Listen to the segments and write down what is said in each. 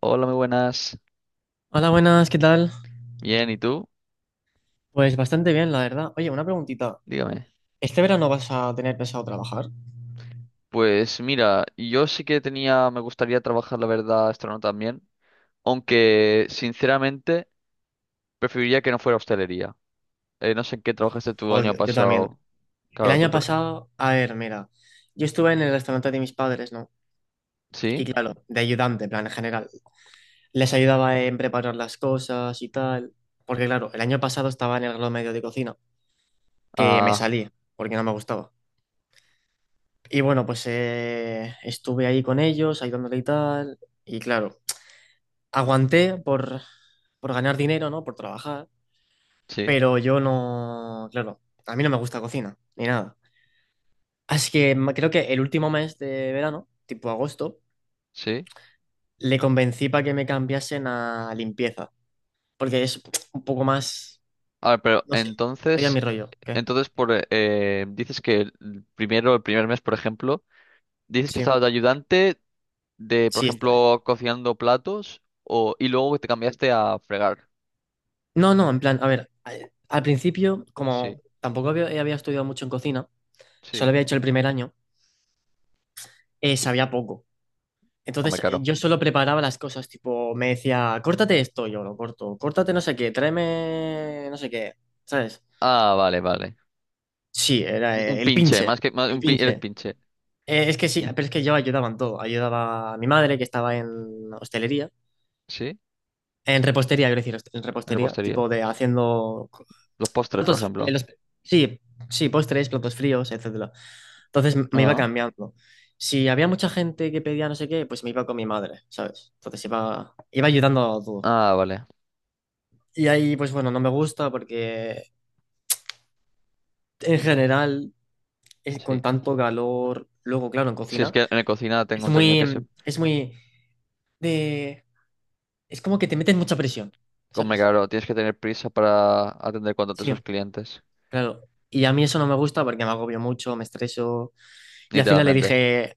Hola, muy buenas. Hola, buenas, ¿qué tal? Bien, ¿y tú? Pues bastante bien, la verdad. Oye, una preguntita. Dígame. ¿Este verano vas a tener pensado trabajar? Pues mira, yo sí que tenía, me gustaría trabajar, la verdad, esto también, aunque sinceramente preferiría que no fuera hostelería. No sé en qué trabajaste tú el año Joder, yo también. pasado. El Claro, tú... año pre- pasado, a ver, mira, yo estuve en el restaurante de mis padres, ¿no? Y ¿Sí? claro, de ayudante, en plan, en general. Les ayudaba en preparar las cosas y tal. Porque claro, el año pasado estaba en el grado medio de cocina, que me Ah, salí, porque no me gustaba. Y bueno, pues estuve ahí con ellos, ayudándole y tal. Y claro, aguanté por ganar dinero, ¿no? Por trabajar. sí, Pero yo no, claro, a mí no me gusta cocina, ni nada. Así que creo que el último mes de verano, tipo agosto, sí. le convencí para que me cambiasen a limpieza, porque es un poco más, A ver, pero no sé, sería mi entonces, rollo, ¿qué? entonces dices que el primer mes, por ejemplo, dices que Sí, estabas de ayudante de, por sí, está. ejemplo, cocinando platos o, y luego te cambiaste a fregar. No, no, en plan, a ver, al principio, como Sí. tampoco había estudiado mucho en cocina, solo Sí. había hecho el primer año, sabía poco. Hombre, Entonces claro. yo solo preparaba las cosas, tipo, me decía, córtate esto, yo lo corto, córtate no sé qué, tráeme no sé qué, ¿sabes? Ah, vale, vale. Sí, era Un el pinche, pinche, más que más, el un pin- eres pinche. pinche. Es que sí, ah, pero es que yo ayudaba en todo. Ayudaba a mi madre, que estaba en hostelería, ¿Sí? en repostería, quiero decir, en En repostería, repostería. tipo de haciendo Los postres, por platos, ejemplo. Sí, sí, postres, platos fríos, etcétera. Entonces me iba Ah, cambiando. Si había mucha gente que pedía no sé qué, pues me iba con mi madre, ¿sabes? Entonces iba, iba ayudando a todo. ah, vale. Y ahí, pues bueno, no me gusta porque en general, es Sí. con tanto calor, luego, claro, en Si es cocina, que en la cocina tengo es entendido muy, que se. mm, es muy de, es como que te meten mucha presión, Come ¿sabes? claro, tienes que tener prisa para atender cuanto antes a Sí, los clientes. claro. Y a mí eso no me gusta porque me agobio mucho, me estreso. Y al final le Literalmente. dije,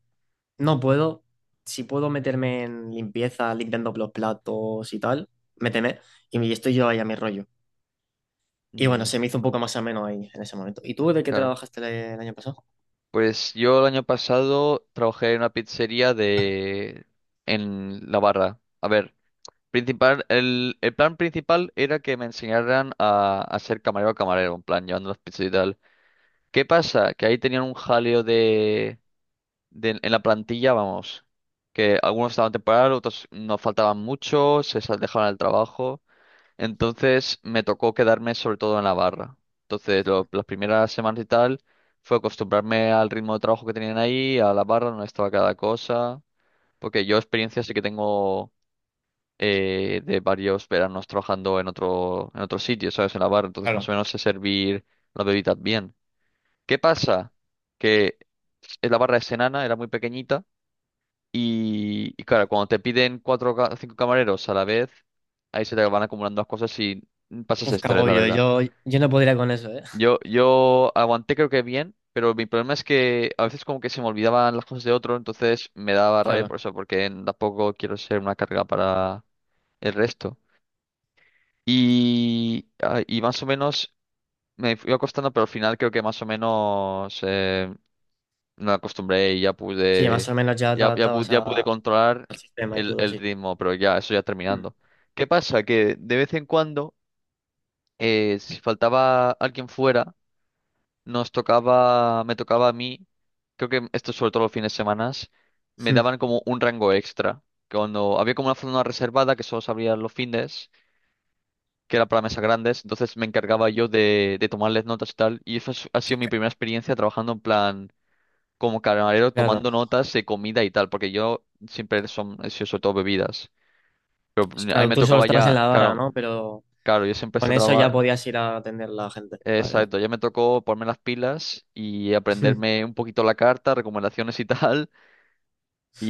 no puedo, si puedo meterme en limpieza, limpiando los platos y tal, méteme. Y estoy yo ahí a mi rollo. Y bueno, Mm, se me hizo un poco más ameno ahí en ese momento. ¿Y tú de qué claro. trabajaste el año pasado? Pues yo el año pasado trabajé en una pizzería. En la barra. A ver, el plan principal era que me enseñaran a ser camarero camarero, en plan, llevando las pizzas y tal. ¿Qué pasa? Que ahí tenían un jaleo en la plantilla, vamos, que algunos estaban temporal, otros no faltaban mucho, dejaban el trabajo. Entonces me tocó quedarme sobre todo en la barra. Entonces las primeras semanas y tal fue acostumbrarme al ritmo de trabajo que tenían ahí, a la barra donde estaba cada cosa, porque yo experiencia sí que tengo de varios veranos trabajando en otro sitio, ¿sabes? En la barra, entonces más o Claro. menos sé servir las bebidas bien. ¿Qué pasa? Que la barra es enana, era muy pequeñita y claro, cuando te piden cuatro o cinco camareros a la vez, ahí se te van acumulando las cosas y pasas Uf, qué estrés, la agobio. verdad. Yo no podría con eso, ¿eh? Yo aguanté creo que bien, pero mi problema es que a veces como que se me olvidaban las cosas de otro, entonces me daba rabia Claro. por eso, porque tampoco quiero ser una carga para el resto. Y más o menos me fui acostando, pero al final creo que más o me acostumbré y ya Sí, más pude, o menos ya te ya, ya pu- adaptabas ya pude controlar al sistema y el, todo, el sí. ritmo, pero ya, eso ya Mm. terminando. ¿Qué pasa? Que de vez en cuando, si faltaba alguien fuera, me tocaba a mí, creo que esto sobre todo los fines de semana, me daban como un rango extra. Que cuando había como una zona reservada que solo se abría los fines, que era para mesas grandes, entonces me encargaba yo de tomarles notas y tal, y eso ha sido mi Mm. primera experiencia trabajando en plan como camarero Claro. tomando notas de comida y tal, porque yo siempre he sido sobre todo bebidas. Pero ahí Claro, me tú solo tocaba estabas en ya, la barra, claro, ¿no? Pero claro, yo siempre con estaba eso ya trabajar. podías ir a atender a la gente. Vale, vale. Exacto, ya me tocó ponerme las pilas y Mm. aprenderme un poquito la carta, recomendaciones y tal,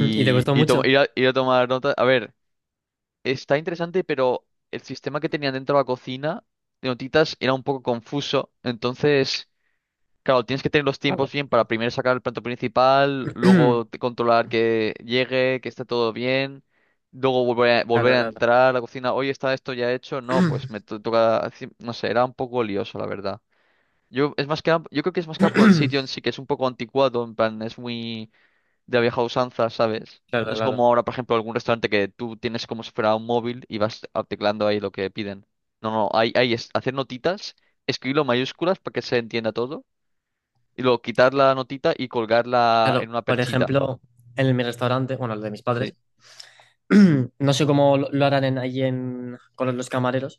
Mm. ¿Y te costó mucho? ir a tomar notas. A ver, está interesante, pero el sistema que tenían dentro de la cocina de notitas era un poco confuso, entonces claro, tienes que tener los tiempos Claro. bien para primero sacar el plato principal, luego controlar que llegue, que esté todo bien, luego volver a, volver Claro, a claro. entrar a la cocina, oye, ¿está esto ya hecho? No, pues me toca, no sé, era un poco lioso, la verdad. Yo creo que es más que nada por el sitio en sí, que es un poco anticuado, en plan, es muy de la vieja usanza, ¿sabes? No Claro, es como claro. ahora, por ejemplo, algún restaurante que tú tienes como si fuera un móvil y vas teclando ahí lo que piden. No, no, hay es hacer notitas, escribirlo en mayúsculas para que se entienda todo y luego quitar la notita y colgarla Claro, en una por perchita. ejemplo, en mi restaurante, bueno, el de mis padres. Sí. No sé cómo lo harán ahí en, con los camareros,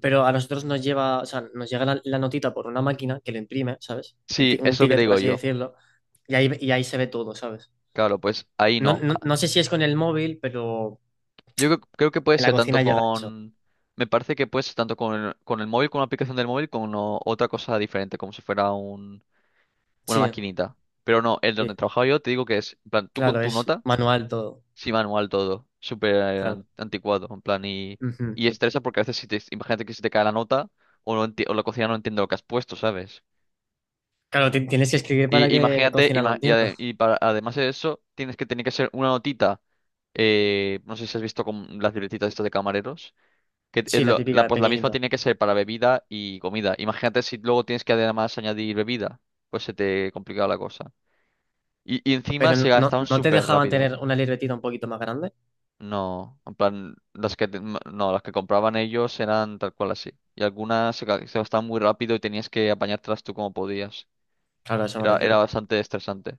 pero a nosotros nos lleva, o sea, nos llega la notita por una máquina que lo imprime, ¿sabes? Sí, Un es lo que te ticket, por digo así yo. decirlo, y ahí, se ve todo, ¿sabes? Claro, pues ahí No, no. no, Ah. no sé si es con el móvil, pero Yo creo que puede en la ser tanto cocina llega eso. con. Me parece que puede ser tanto con el, móvil, con una aplicación del móvil, con otra cosa diferente, como si fuera una Sí, maquinita. Pero no, el donde sí, trabajaba yo te digo que es, en plan, tú con claro, tu es nota, manual todo, sí manual todo, súper claro. anticuado, en plan, y, Ujú. y estresa porque a veces si te, imagínate que se te cae la nota o la cocina no entiende lo que has puesto, ¿sabes? Claro, tienes que escribir para Y que la imagínate, cocina lo ima- y, entienda. ade- y para, además de eso, tienes que tener que hacer una notita. No sé si has visto con las libretitas estas de camareros. Que es Sí, la lo- la, típica de pues la misma pequeñito. tiene que ser para bebida y comida. Imagínate si luego tienes que además añadir bebida. Pues se te complica la cosa. Y encima Pero se no, gastaban no te súper dejaban rápido. tener una libretita un poquito más grande. No, en plan, las que, te- m- no, las que compraban ellos eran tal cual así. Y algunas se gastaban muy rápido y tenías que apañártelas tú como podías. Claro, a eso me Era refiero. bastante estresante.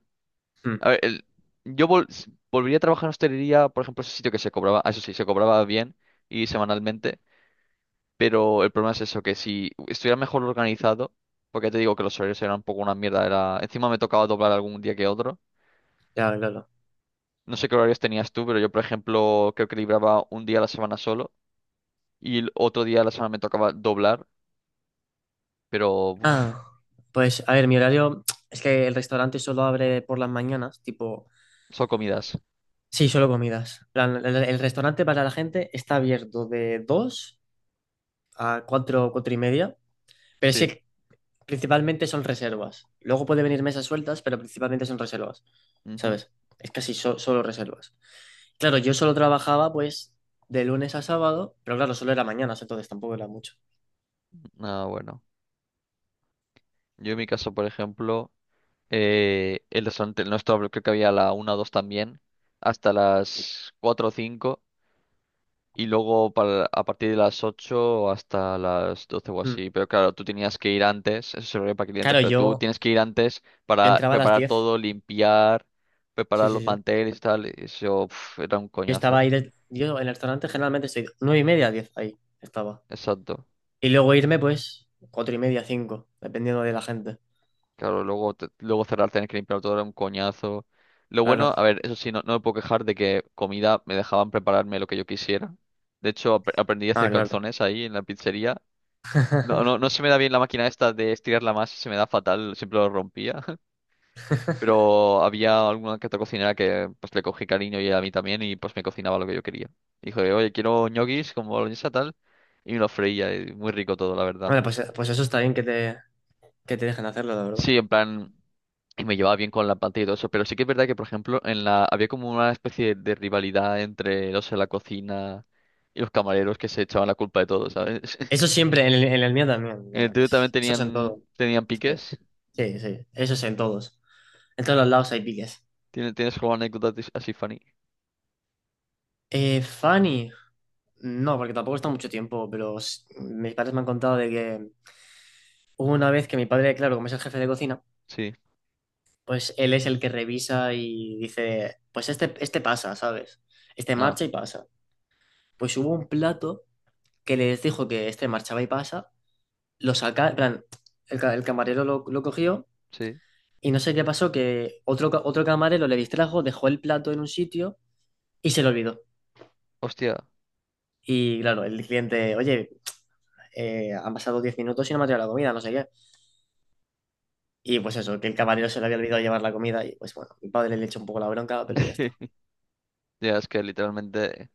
Mm, A ver, volvería a trabajar en hostelería, por ejemplo, ese sitio que se cobraba, eso sí, se cobraba bien y semanalmente, pero el problema es eso, que si estuviera mejor organizado, porque ya te digo que los horarios eran un poco una mierda, encima me tocaba doblar algún día que otro. claro, claro. No sé qué horarios tenías tú, pero yo, por ejemplo, creo que libraba un día a la semana solo y el otro día a la semana me tocaba doblar, pero uf, Ah, pues a ver, mi horario es que el restaurante solo abre por las mañanas, tipo, son comidas, sí, solo comidas. En plan, el restaurante para la gente está abierto de 2 a 4, 4:30, pero es sí. que principalmente son reservas. Luego puede venir mesas sueltas, pero principalmente son reservas, Ujú. ¿sabes? Es casi solo reservas. Claro, yo solo trabajaba pues de lunes a sábado, pero claro, solo era mañanas, entonces tampoco era mucho. Ah, bueno. Yo en mi caso, por el restaurante, el nuestro, creo que había a la una o 2 también, hasta las 4 o 5 y luego a partir de las 8 hasta las 12 o Mm. así. Pero claro, tú tenías que ir antes, eso se ve para clientes, Claro, pero tú yo, tienes que ir antes yo para entraba a las preparar 10. todo, limpiar, Sí, preparar sí, los sí. manteles y tal, y eso pf, era un Yo estaba coñazo. ahí, yo en el restaurante generalmente estoy 9:30, 10 ahí estaba. Exacto. Y luego irme pues 4:30, 5, dependiendo de la gente. Claro, luego, luego cerrar, tener que limpiar todo era un coñazo. Lo bueno, Claro. a ver, eso sí, no, no me puedo quejar de que comida me dejaban prepararme lo que yo quisiera. De hecho, aprendí a Ah, hacer claro. calzones ahí en la pizzería. No, no, no se me da bien la máquina esta de estirar la masa, se me da fatal, siempre lo rompía. Pero había alguna que otra cocinera que pues le cogí cariño y a mí también y pues me cocinaba lo que yo quería. Dijo, oye, quiero ñoquis con boloñesa tal. Y me lo freía, y muy rico todo, la verdad. Bueno, pues eso está bien que te dejen hacerlo, la verdad. Sí, en plan, y me llevaba bien con la pantalla y todo eso, pero sí que es verdad que, por ejemplo, en la había como una especie rivalidad entre los de la cocina y los camareros que se echaban la culpa de todo, ¿sabes? Eso siempre, en el mío también. En el tuyo también Eso es en tenían todo. tenían Sí, piques. sí, sí, eso es en todos. En todos los lados hay piques. ¿Tienes alguna anécdota así funny? Fanny, no, porque tampoco está mucho tiempo, pero mis padres me han contado de que hubo una vez que mi padre, claro, como es el jefe de cocina, Sí. pues él es el que revisa y dice, pues este pasa, ¿sabes? Este Ah, marcha y pasa. Pues hubo un plato que les dijo que este marchaba y pasa, lo saca, en plan, el camarero lo cogió sí. y no sé qué pasó, que otro camarero le distrajo, dejó el plato en un sitio y se lo olvidó. Hostia. Y claro, el cliente, oye, han pasado 10 minutos y no me ha traído la comida, no sé qué. Y pues eso, que el camarero se le había olvidado llevar la comida y pues bueno, mi padre le echó un poco la bronca, pero ya está. Ya, es que literalmente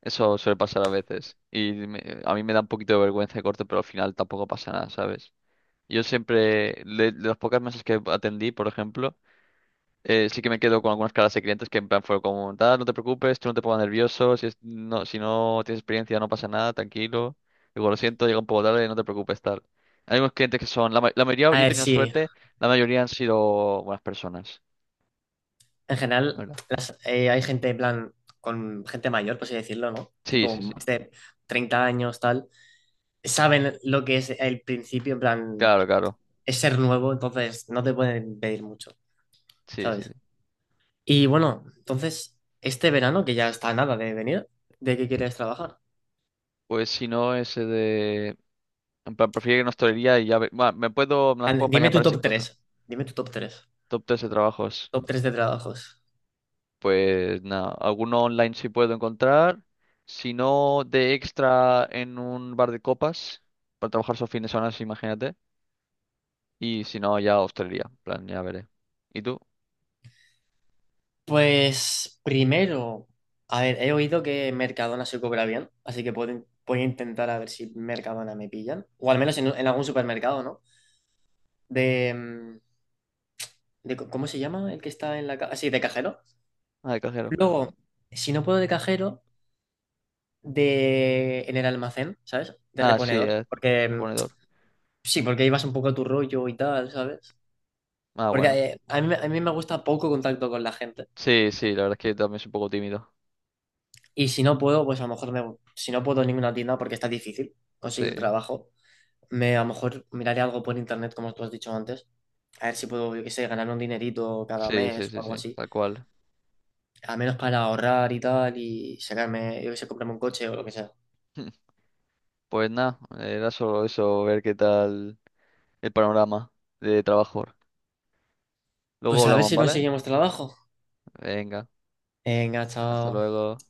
eso suele pasar a veces. Y a mí me da un poquito de vergüenza de corte, pero al final tampoco pasa nada, ¿sabes? Yo siempre, de las pocas mesas que atendí, por ejemplo, sí que me quedo con algunas caras de clientes que en plan fue como, tal, no te preocupes, tú no te pongas nervioso, si no tienes experiencia no pasa nada, tranquilo. Digo, lo siento, llega un poco tarde, no te preocupes, tal. Hay unos clientes que la mayoría, A yo he ver, tenido sí, suerte, la mayoría han sido buenas personas, en la general, ¿verdad? Hay gente, en plan, con gente mayor, por así decirlo, ¿no? Sí, Tipo, sí, sí. más de 30 años, tal. Saben lo que es el principio, en plan, Claro, claro. es ser nuevo, entonces no te pueden pedir mucho, Sí, sí, sí. ¿sabes? Y bueno, entonces, este verano, que ya está a nada de venir, ¿de qué quieres trabajar? Pues si no, ese de. En plan, prefiero que no hostelería y bueno, me puedo, me las puedo Dime apañar tu para ese top tres. encuentro. Dime tu top 3 Top 3 de trabajos. Top 3 de trabajos. Pues nada, alguno online sí puedo encontrar, si no de extra en un bar de copas, para trabajar esos fines de semana, sí, imagínate, y si no ya hostelería, en plan, ya veré. ¿Y tú? Pues primero, a ver, he oído que Mercadona se cobra bien, así que puedo, voy a intentar a ver si Mercadona me pillan, o al menos en algún supermercado, ¿no? De, mm, de co- ¿Cómo se llama? El que está en la caja, sí, de cajero. Ah, de cajero. Luego, si no puedo de cajero, de en el almacén, ¿sabes? De Ah, sí, reponedor, de ponedor. sí, porque ahí vas un poco a tu rollo y tal, ¿sabes? Ah, Porque bueno. A mí me gusta poco contacto con la gente. Sí, sí, la verdad es que también soy un poco tímido. Y si no puedo, pues a lo mejor si no puedo en ninguna tienda porque está difícil conseguir Sí, trabajo. A lo mejor miraré algo por internet, como tú has dicho antes. A ver si puedo, yo qué sé, ganar un dinerito cada sí, sí, mes o sí, algo sí, así. tal cual. Al menos para ahorrar y tal y sacarme, yo qué sé, comprarme un coche o lo que sea. Pues nada, era solo eso, ver qué tal el panorama de trabajo. Luego Pues a ver hablamos, si ¿vale? conseguimos trabajo. Venga, Venga, hasta chao. luego.